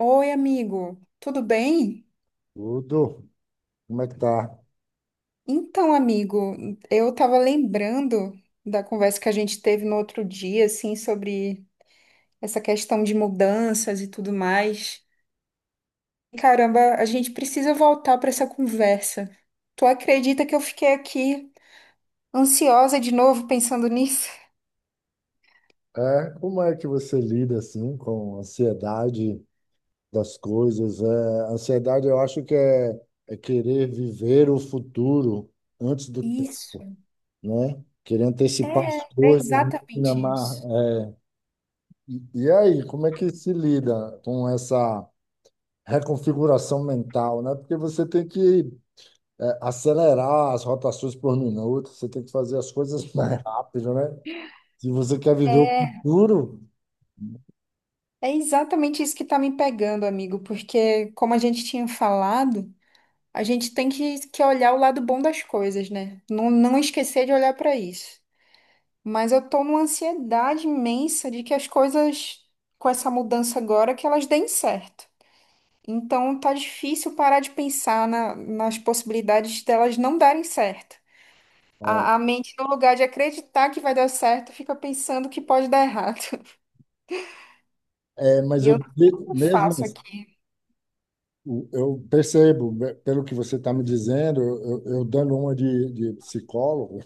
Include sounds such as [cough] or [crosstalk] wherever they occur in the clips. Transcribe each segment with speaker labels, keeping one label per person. Speaker 1: Oi, amigo, tudo bem?
Speaker 2: Tudo, como é que tá?
Speaker 1: Então, amigo, eu estava lembrando da conversa que a gente teve no outro dia, assim, sobre essa questão de mudanças e tudo mais. Caramba, a gente precisa voltar para essa conversa. Tu acredita que eu fiquei aqui ansiosa de novo pensando nisso?
Speaker 2: Como é que você lida assim com a ansiedade das coisas? A ansiedade eu acho que é querer viver o futuro antes do tempo,
Speaker 1: Isso.
Speaker 2: né? Querer antecipar
Speaker 1: É,
Speaker 2: as
Speaker 1: é
Speaker 2: coisas, né?
Speaker 1: exatamente
Speaker 2: Mas,
Speaker 1: isso.
Speaker 2: é, E, e aí, como é que se lida com essa reconfiguração mental, né? Porque você tem que acelerar as rotações por minuto, você tem que fazer as coisas [laughs] mais rápido, né? Se você quer viver o
Speaker 1: É
Speaker 2: futuro,
Speaker 1: é exatamente isso que tá me pegando, amigo, porque como a gente tinha falado. A gente tem que olhar o lado bom das coisas, né? Não, não esquecer de olhar para isso. Mas eu tô numa ansiedade imensa de que as coisas, com essa mudança agora, que elas deem certo. Então tá difícil parar de pensar nas possibilidades delas não darem certo. A,
Speaker 2: é,
Speaker 1: a mente, no lugar de acreditar que vai dar certo, fica pensando que pode dar errado. [laughs]
Speaker 2: Mas
Speaker 1: E
Speaker 2: eu
Speaker 1: eu não
Speaker 2: mesmo
Speaker 1: faço
Speaker 2: assim,
Speaker 1: aqui.
Speaker 2: eu percebo, né, pelo que você está me dizendo, eu dando uma de psicólogo,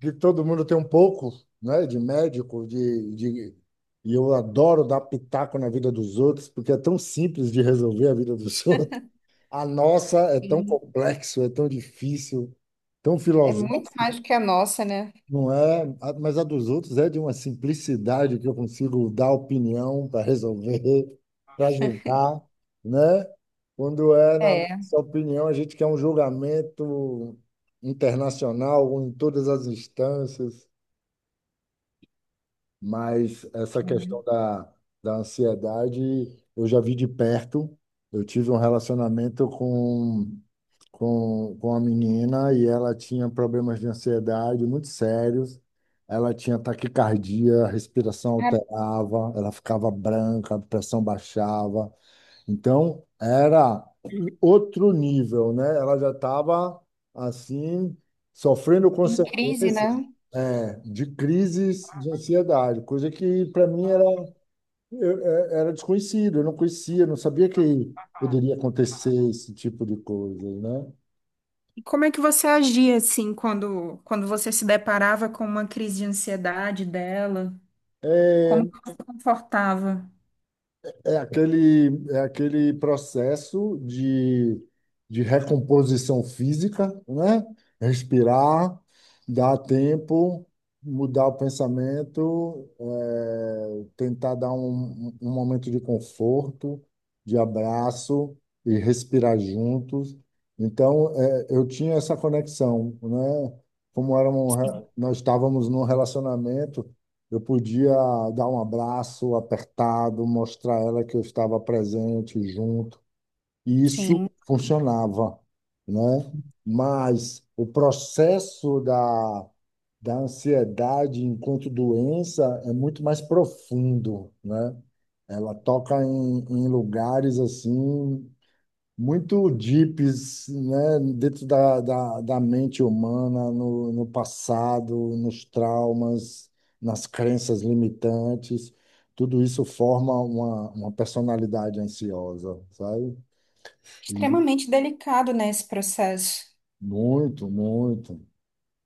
Speaker 2: que todo mundo tem um pouco, né, de médico, de e eu adoro dar pitaco na vida dos outros, porque é tão simples de resolver a vida dos [laughs] outros. A nossa é tão complexo, é tão difícil, tão
Speaker 1: É muito
Speaker 2: filosófico.
Speaker 1: mais do que a nossa, né?
Speaker 2: Não é, mas a dos outros é de uma simplicidade que eu consigo dar opinião para resolver, [laughs] para julgar, né? Quando é na
Speaker 1: É.
Speaker 2: nossa opinião, a gente quer um julgamento internacional ou em todas as instâncias, mas essa questão da ansiedade eu já vi de perto. Eu tive um relacionamento com a menina e ela tinha problemas de ansiedade muito sérios. Ela tinha taquicardia, a respiração
Speaker 1: Cara,
Speaker 2: alterava, ela ficava branca, a pressão baixava. Então, era outro nível, né? Ela já estava, assim, sofrendo
Speaker 1: em crise,
Speaker 2: consequências,
Speaker 1: né?
Speaker 2: é, de crises de ansiedade, coisa que para mim era, era desconhecido, eu não conhecia, não sabia que poderia acontecer esse tipo de coisa, né?
Speaker 1: E como é que você agia assim quando você se deparava com uma crise de ansiedade dela? Como
Speaker 2: É,
Speaker 1: que você se confortava?
Speaker 2: é aquele processo de recomposição física, né? Respirar, dar tempo, mudar o pensamento, é, tentar dar um momento de conforto, de abraço e respirar juntos. Então, é, eu tinha essa conexão, né? Como era um nós estávamos num relacionamento. Eu podia dar um abraço apertado, mostrar a ela que eu estava presente, junto. E isso
Speaker 1: Sim,
Speaker 2: funcionava, né? Mas o processo da ansiedade enquanto doença é muito mais profundo, né? Ela toca em lugares assim muito deeps, né, dentro da mente humana, no passado, nos traumas, nas crenças limitantes. Tudo isso forma uma personalidade ansiosa, sabe? E
Speaker 1: extremamente delicado, né, esse processo.
Speaker 2: muito, muito.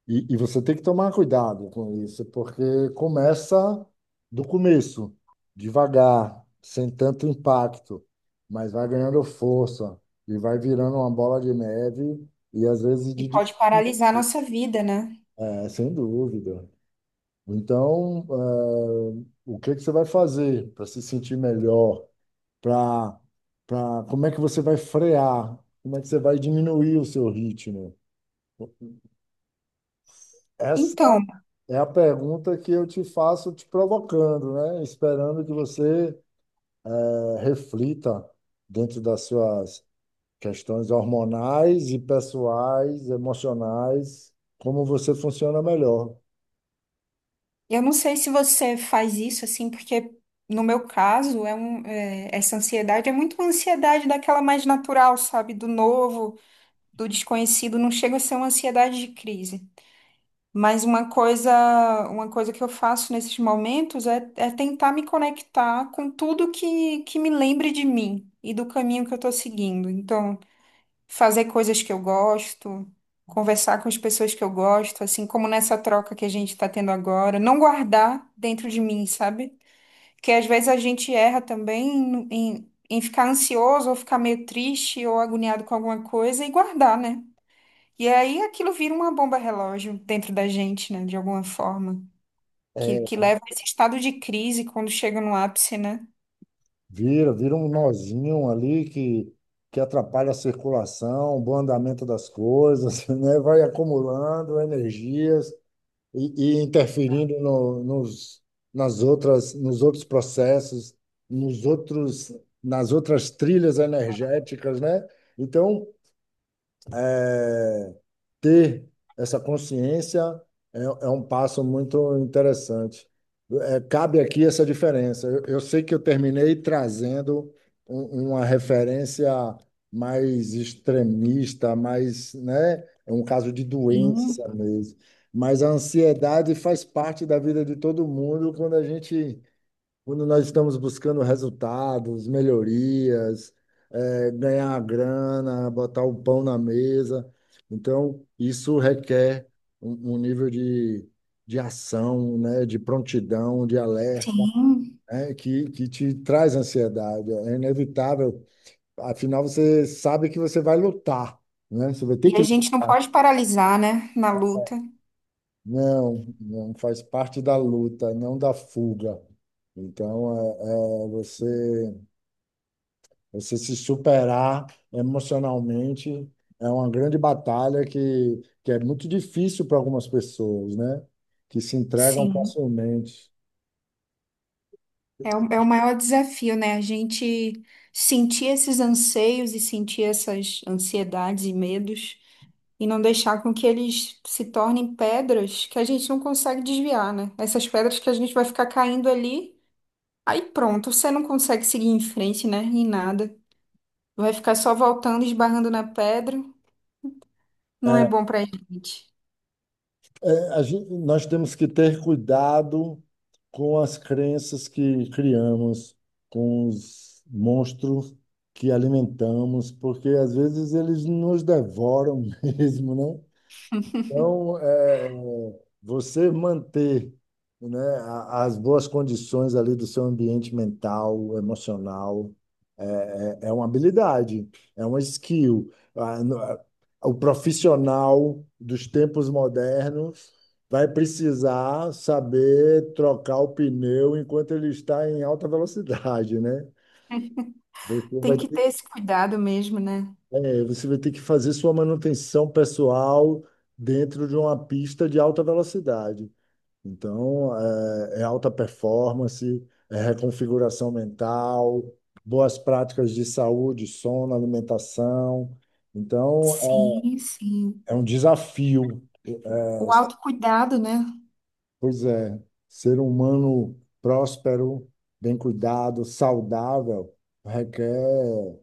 Speaker 2: E você tem que tomar cuidado com isso, porque começa do começo, devagar, sem tanto impacto, mas vai ganhando força e vai virando uma bola de neve e às vezes
Speaker 1: E pode paralisar a nossa vida, né?
Speaker 2: é, sem dúvida. Então, o que que você vai fazer para se sentir melhor? Para, Como é que você vai frear? Como é que você vai diminuir o seu ritmo? Essa
Speaker 1: Então,
Speaker 2: É a pergunta que eu te faço te provocando, né? Esperando que você reflita dentro das suas questões hormonais e pessoais, emocionais, como você funciona melhor.
Speaker 1: eu não sei se você faz isso assim, porque no meu caso, é um, é, essa ansiedade é muito uma ansiedade daquela mais natural, sabe? Do novo, do desconhecido, não chega a ser uma ansiedade de crise. Mas uma coisa que eu faço nesses momentos é, é tentar me conectar com tudo que me lembre de mim e do caminho que eu estou seguindo. Então, fazer coisas que eu gosto, conversar com as pessoas que eu gosto, assim como nessa troca que a gente está tendo agora, não guardar dentro de mim, sabe? Porque às vezes a gente erra também em, em ficar ansioso ou ficar meio triste ou agoniado com alguma coisa e guardar, né? E aí aquilo vira uma bomba relógio dentro da gente, né? De alguma forma. Que,
Speaker 2: É,
Speaker 1: que leva a esse estado de crise quando chega no ápice, né?
Speaker 2: vira um nozinho ali que atrapalha a circulação, o bom andamento das coisas, [laughs] né? Vai acumulando energias e interferindo nos outros processos, nos outros, nas outras trilhas energéticas, né? Então, é, ter essa consciência é um passo muito interessante. É, cabe aqui essa diferença. Eu sei que eu terminei trazendo uma referência mais extremista, mais, né, é um caso de
Speaker 1: Sim,
Speaker 2: doença mesmo. Mas a ansiedade faz parte da vida de todo mundo quando a gente quando nós estamos buscando resultados, melhorias, ganhar grana, botar o pão na mesa. Então, isso requer um nível de ação, né, de prontidão, de alerta,
Speaker 1: sim,
Speaker 2: né, que te traz ansiedade. É inevitável. Afinal, você sabe que você vai lutar, né? Você vai
Speaker 1: e
Speaker 2: ter que
Speaker 1: a gente não
Speaker 2: lutar.
Speaker 1: pode paralisar, né? Na luta.
Speaker 2: Não, não faz parte da luta, não da fuga. Então, você. Você se superar emocionalmente é uma grande batalha que é muito difícil para algumas pessoas, né? Que se entregam
Speaker 1: Sim.
Speaker 2: facilmente.
Speaker 1: É o, é o maior desafio, né? A gente sentir esses anseios e sentir essas ansiedades e medos e não deixar com que eles se tornem pedras que a gente não consegue desviar, né? Essas pedras que a gente vai ficar caindo ali. Aí pronto, você não consegue seguir em frente, né? Em nada. Vai ficar só voltando, esbarrando na pedra. Não é
Speaker 2: É,
Speaker 1: bom pra gente.
Speaker 2: a nós temos que ter cuidado com as crenças que criamos, com os monstros que alimentamos, porque às vezes eles nos devoram [laughs] mesmo, né? Então, você manter, né, as boas condições ali do seu ambiente mental, emocional, é uma habilidade, é uma skill. O profissional dos tempos modernos vai precisar saber trocar o pneu enquanto ele está em alta velocidade, né? Você vai
Speaker 1: Tem que ter
Speaker 2: ter,
Speaker 1: esse cuidado mesmo, né?
Speaker 2: Você vai ter que fazer sua manutenção pessoal dentro de uma pista de alta velocidade. Então, é alta performance, é reconfiguração mental, boas práticas de saúde, sono, alimentação. Então,
Speaker 1: Sim, sim.
Speaker 2: é um desafio.
Speaker 1: O autocuidado, né?
Speaker 2: Pois é, ser humano próspero, bem cuidado, saudável, requer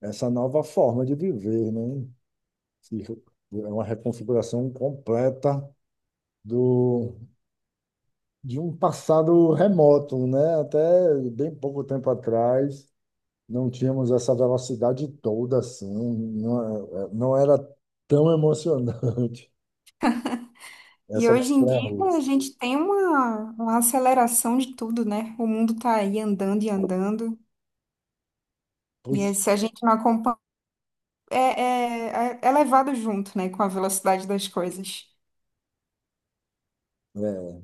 Speaker 2: essa nova forma de viver, né? Se- É uma reconfiguração completa do, de um passado remoto, né? Até bem pouco tempo atrás não tínhamos essa velocidade toda assim, não, não era tão emocionante [laughs]
Speaker 1: E
Speaker 2: essa
Speaker 1: hoje em
Speaker 2: montanha
Speaker 1: dia a
Speaker 2: russa.
Speaker 1: gente tem uma aceleração de tudo, né? O mundo tá aí andando e andando. E aí,
Speaker 2: Pois
Speaker 1: se a gente não acompanha, é, é, é levado junto, né? Com a velocidade das coisas.
Speaker 2: é,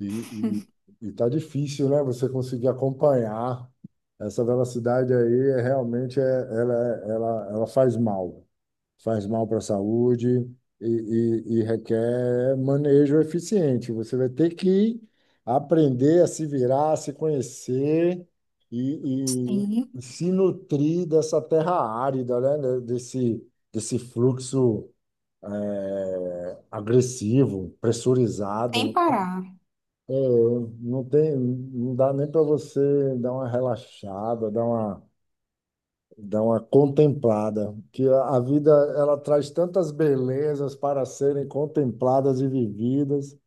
Speaker 2: e, e tá difícil, né? Você conseguir acompanhar essa velocidade aí, realmente ela faz mal. Faz mal para a saúde e, e requer manejo eficiente. Você vai ter que aprender a se virar, a se conhecer e, e
Speaker 1: Sim,
Speaker 2: se nutrir dessa terra árida, né? Desse fluxo agressivo,
Speaker 1: sem
Speaker 2: pressurizado.
Speaker 1: parar.
Speaker 2: É, não tem, não dá nem para você dar uma relaxada, dar uma dá uma contemplada, que a vida ela traz tantas belezas para serem contempladas e vividas,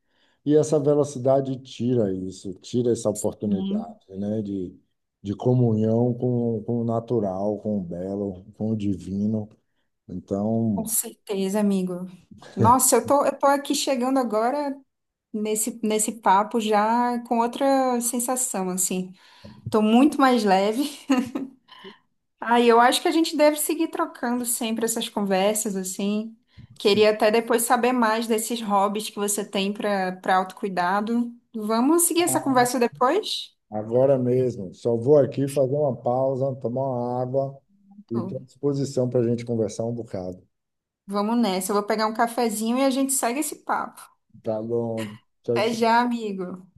Speaker 2: e essa velocidade tira isso, tira essa
Speaker 1: Né?
Speaker 2: oportunidade, né, de comunhão com o natural, com o belo, com o divino. Então,
Speaker 1: Com certeza, amigo. Nossa, eu tô aqui chegando agora nesse papo já com outra sensação, assim. Tô muito mais leve. Aí eu acho que a gente deve seguir trocando sempre essas conversas, assim. Queria até depois saber mais desses hobbies que você tem para autocuidado. Vamos seguir essa conversa depois?
Speaker 2: agora mesmo, só vou aqui fazer uma pausa, tomar uma água e
Speaker 1: Tô.
Speaker 2: estou à disposição para a gente conversar um bocado.
Speaker 1: Vamos nessa. Eu vou pegar um cafezinho e a gente segue esse papo.
Speaker 2: Tá bom. Tchau,
Speaker 1: Até
Speaker 2: tchau.
Speaker 1: já, amigo.